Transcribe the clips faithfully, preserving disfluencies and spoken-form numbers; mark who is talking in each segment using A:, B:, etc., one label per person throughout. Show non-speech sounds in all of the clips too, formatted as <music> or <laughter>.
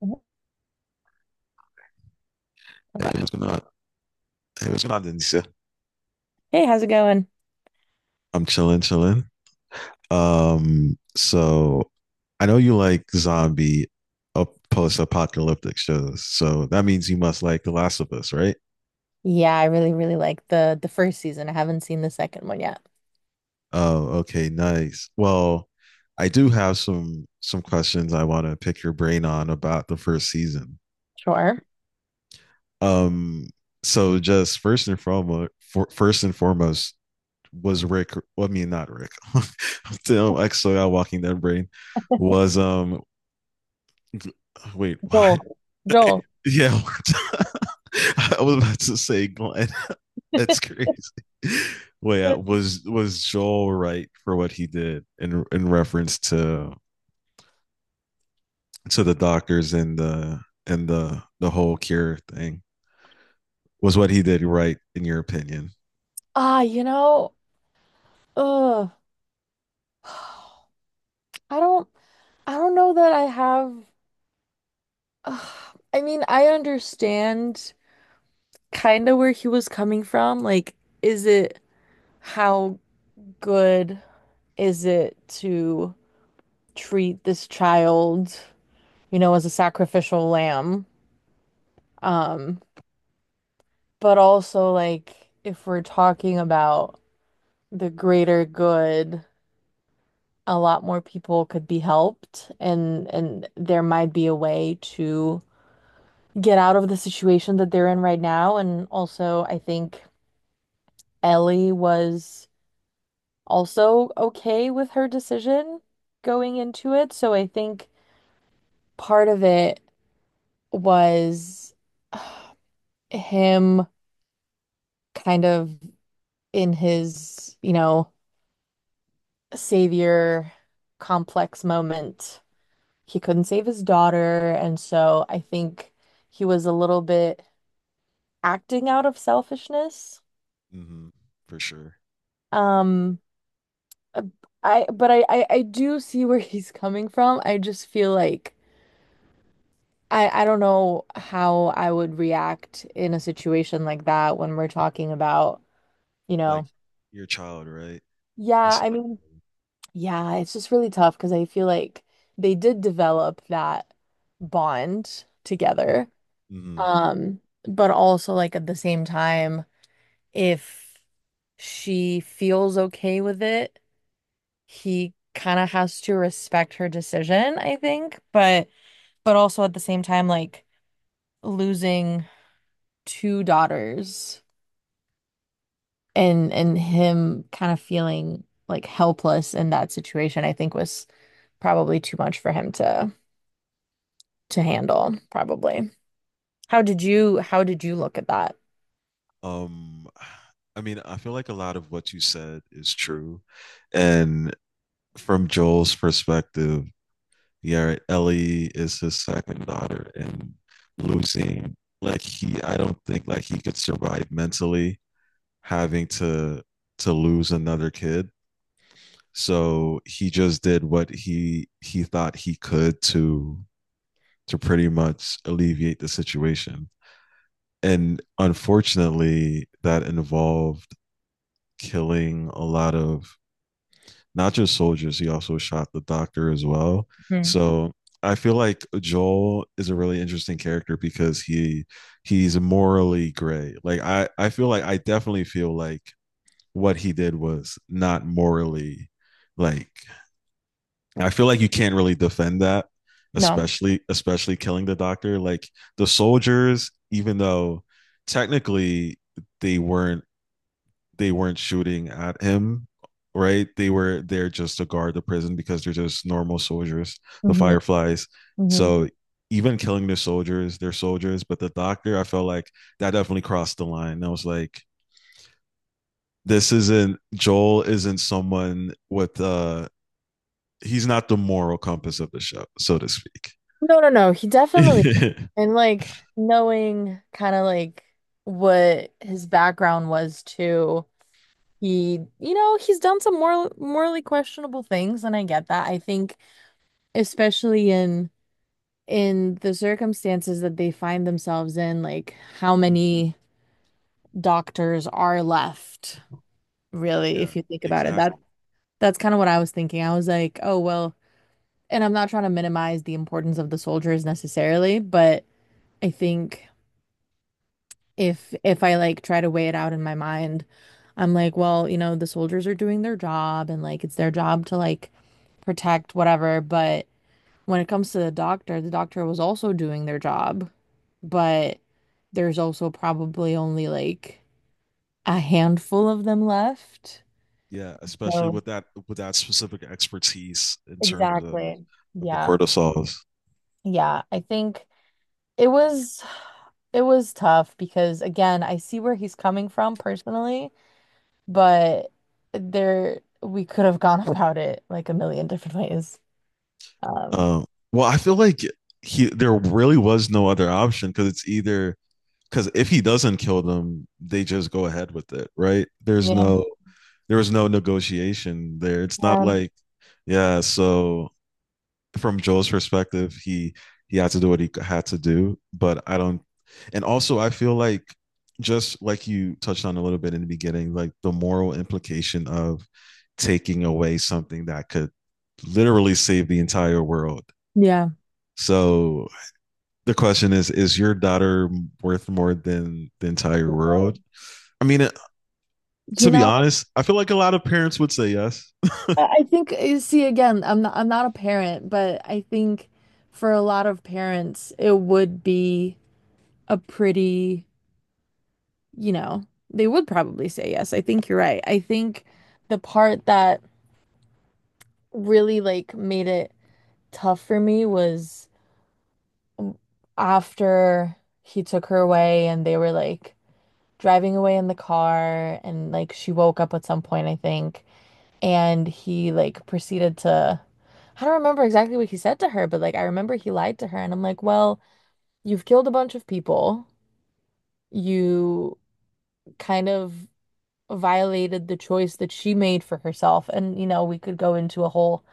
A: Mhm.
B: Hey,
A: Okay.
B: what's going on? Hey, what's going on, Denise?
A: Hey, Evan.
B: I'm chilling, chilling. Um, so I know you like zombie up post-apocalyptic shows, so that means you must like The Last of Us, right?
A: Yeah, I really, really like the, the
B: Oh, okay, nice. Well, I do have some some questions I want to pick your brain on about the first season.
A: Sure.
B: Um, so just first and foremost, for, first and foremost, was Rick, well, I mean, not Rick. <laughs> Damn, actually, I'm walking that brain was um <laughs> Wait, why?
A: Joel. Joel.
B: Yeah, <laughs> I was about to say Glenn. <laughs> That's crazy. Wait, uh, was was Joel right for what he did in in reference to to the doctors and the and the the whole cure thing? Was what he did right in your opinion?
A: Ah, you know, ugh. <sighs> I don't I don't know that I have ugh. I mean, I understand kind of where he was coming from. Like, is it how good is it to treat this child, you know, as a sacrificial lamb? Um, but also like if we're talking about the greater good a lot more people could be helped and and there might be a way to get out of the situation that they're in right now. And also, I think Ellie was also okay with her decision going into it. So I think part of it was him kind of in his, you know, savior complex moment. He couldn't save his daughter, and so I think he was a little bit acting out of selfishness.
B: hmm For sure.
A: Um, uh, I but I, I I do see where <laughs> he's coming from. I just feel like I I don't know how I would react in a situation like that when we're talking about, you
B: Like
A: know,
B: your child, right?
A: yeah, I
B: Listen.
A: mean, yeah, it's just really tough because I feel like they did develop that bond together.
B: Mm-hmm.
A: Um, but also like at the same time, if she feels okay with it he kind of has to respect her decision, I think, but but also at the same time like losing two daughters and and him kind of feeling like helpless in that situation, I think was probably too much for him to to handle, probably. How did you how did you look at that?
B: Um, I mean, I feel like a lot of what you said is true. And from Joel's perspective, yeah, Ellie is his second daughter and losing like he I don't think like he could survive mentally having to to lose another kid. So he just did what he he thought he could to to pretty much alleviate the situation. And unfortunately, that involved killing a lot of not just soldiers, he also shot the doctor as well.
A: Hmm.
B: So I feel like Joel is a really interesting character because he he's morally gray. Like I I feel like I definitely feel like what he did was not morally like I feel like you can't really defend that,
A: No.
B: especially especially killing the doctor. Like the soldiers, even though technically they weren't they weren't shooting at him, right? They were there just to guard the prison because they're just normal soldiers, the
A: hmm
B: fireflies.
A: hmm
B: So even killing the soldiers, they're soldiers, but the doctor, I felt like that definitely crossed the line. I was like, this isn't Joel isn't someone with uh he's not the moral compass of the show, so to speak.
A: No, no, no. He
B: <laughs>
A: definitely.
B: Yeah,
A: And like knowing kind of like what his background was too. He, you know, he's done some moral, morally questionable things, and I get that. I think, especially in in the circumstances that they find themselves in, like how many doctors are left, really, if you think about it. That
B: exactly.
A: that's kind of what I was thinking. I was like, oh well, and I'm not trying to minimize the importance of the soldiers necessarily, but I think. if if I like try to weigh it out in my mind, I'm like, well, you know, the soldiers are doing their job and like it's their job to like protect whatever, but when it comes to the doctor, the doctor was also doing their job, but there's also probably only like a handful of them left.
B: Yeah, especially
A: So
B: with that with that specific expertise in terms of
A: exactly.
B: of the
A: Yeah.
B: cortisols.
A: Yeah, I think it was it was tough because again, I see where he's coming from personally. But there we could have gone <laughs> about it like a million different ways. Um,
B: Um, well, I feel like he there really was no other option because it's either because if he doesn't kill them, they just go ahead with it, right? There's
A: yeah,
B: no there was no negotiation there. It's not
A: um,
B: like yeah, so from Joel's perspective, he he had to do what he had to do, but I don't. And also, I feel like just like you touched on a little bit in the beginning, like the moral implication of taking away something that could literally save the entire world.
A: yeah.
B: So the question is: Is your daughter worth more than the entire
A: You
B: world? I mean, to be
A: know,
B: honest, I feel like a lot of parents would say yes.
A: I I think you see again, I'm not I'm not a parent, but I think for a lot of parents, it would be a pretty, you know, they would probably say yes. I think you're right. I think the part that really like made it tough for me was um, after he took her away and they were like driving away in the car and like she woke up at some point, I think, and he like proceeded to I don't remember exactly what he said to her, but like I remember he lied to her and I'm like, "Well, you've killed a bunch of people. You kind of violated the choice that she made for herself." And you know, we could go into a whole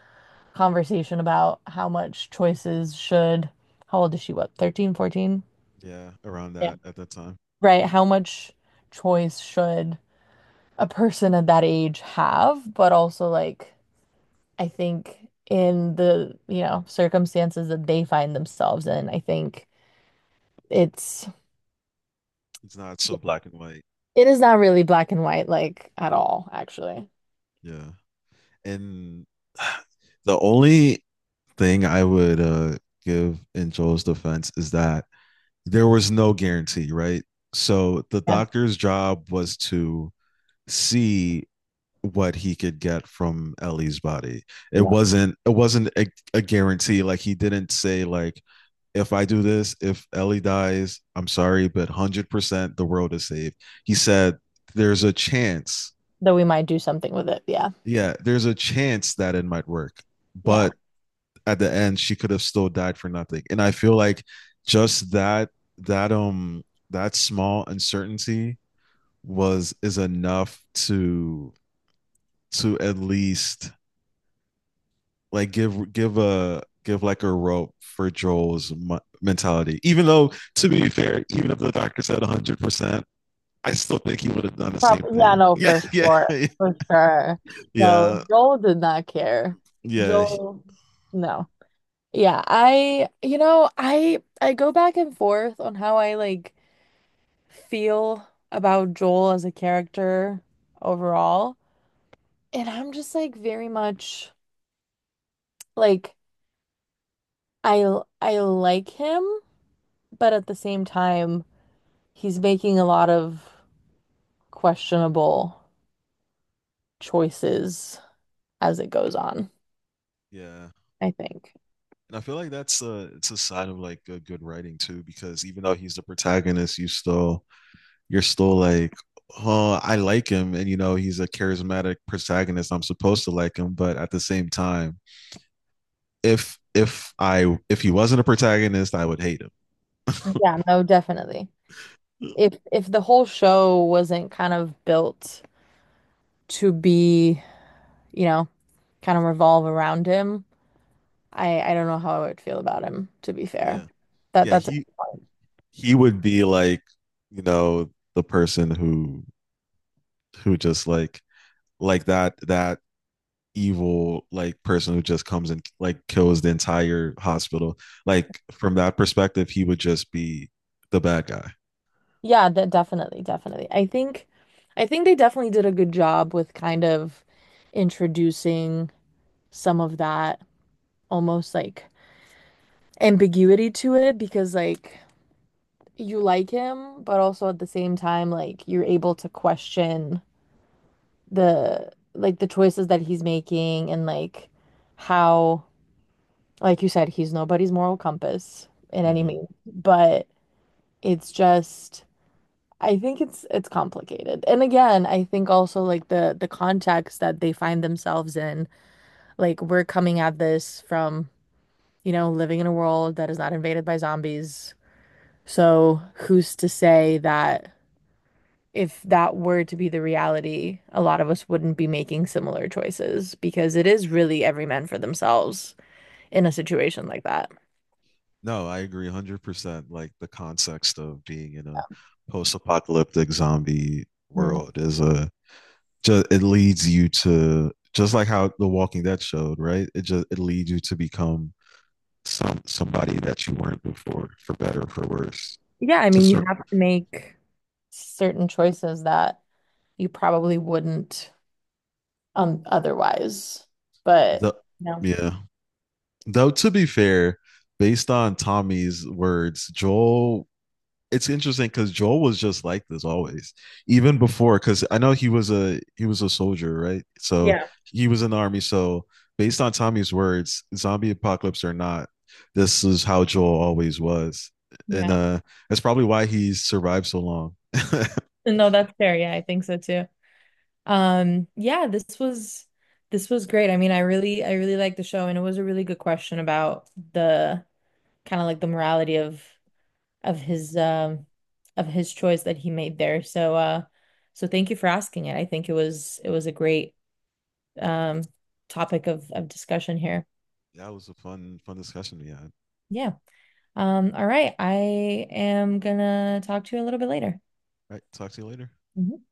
A: conversation about how much choices should. How old is she? What, thirteen, fourteen?
B: Yeah, around
A: Yeah.
B: that at that time,
A: Right, how much choice should a person at that age have, but also like I think in the, you know, circumstances that they find themselves in, I think it's
B: it's not so black and white.
A: it is not really black and white like at all, actually.
B: Yeah. And <sighs> the only thing I would uh, give in Joel's defense is that there was no guarantee, right? So the
A: Yeah.
B: doctor's job was to see what he could get from Ellie's body. It
A: Yeah.
B: wasn't it wasn't a, a guarantee. Like he didn't say like if I do this, if Ellie dies, I'm sorry, but one hundred percent the world is saved. He said there's a chance.
A: Though we might do something with it. Yeah.
B: Yeah, there's a chance that it might work,
A: Yeah.
B: but at the end she could have still died for nothing and i feel like just that that um that small uncertainty was is enough to to at least like give give a give like a rope for Joel's mentality. Even though, to be fair, even if the doctor said one hundred percent, I still think he would have done the same
A: Probably, yeah,
B: thing.
A: no,
B: Yeah,
A: for
B: yeah,
A: sure.
B: <laughs>
A: For sure.
B: yeah,
A: No, Joel did not care.
B: yeah,
A: Joel, no. Yeah, I, you know, I I go back and forth on how I like feel about Joel as a character overall. And I'm just like very much like I l- I like him, but at the same time, he's making a lot of questionable choices as it goes on,
B: yeah.
A: I think.
B: And I feel like that's a it's a sign of like a good writing too, because even though he's the protagonist, you still you're still like, oh, I like him, and you know he's a charismatic protagonist. I'm supposed to like him, but at the same time, if if I if he wasn't a protagonist, I would hate him.
A: Yeah,
B: <laughs>
A: no, definitely. If if the whole show wasn't kind of built to be, you know, kind of revolve around him, I I don't know how I would feel about him, to be fair.
B: Yeah.
A: That
B: Yeah,
A: that's
B: he he would be like, you know, the person who who just like like that that evil like person who just comes and like kills the entire hospital. Like from that perspective, he would just be the bad guy.
A: Yeah, de- definitely, definitely. I think I think they definitely did a good job with kind of introducing some of that almost like ambiguity to it because like you like him, but also at the same time like you're able to question the like the choices that he's making and like how like you said he's nobody's moral compass in any
B: Mm-hmm.
A: means, but it's just I think it's it's complicated. And again, I think also like the the context that they find themselves in, like we're coming at this from, you know, living in a world that is not invaded by zombies. So who's to say that if that were to be the reality, a lot of us wouldn't be making similar choices because it is really every man for themselves in a situation like that.
B: No, I agree one hundred percent. Like the context of being in a post-apocalyptic zombie
A: Mhm.
B: world is a just it leads you to just like how The Walking Dead showed, right? It just it leads you to become some somebody that you weren't before, for better or for worse.
A: Yeah, I
B: To
A: mean, you
B: sur-
A: have to make certain choices that you probably wouldn't um otherwise. But
B: the
A: no.
B: Yeah. Though to be fair, based on Tommy's words, Joel it's interesting because Joel was just like this always, even before. Because I know he was a he was a soldier, right? So
A: Yeah.
B: he was in the army. So based on Tommy's words, zombie apocalypse or not, this is how Joel always was, and
A: Yeah.
B: uh, that's probably why he survived so long. <laughs> That
A: No, that's fair. Yeah, I think so too. Um, yeah, this was this was great. I mean, I really I really liked the show and it was a really good question about the kind of like the morality of of his um of his choice that he made there. So uh so thank you for asking it. I think it was it was a great um topic of of discussion here.
B: was a fun fun discussion we had. All
A: Yeah. Um, all right. I am gonna talk to you a little bit later.
B: right, talk to you later.
A: Mhm.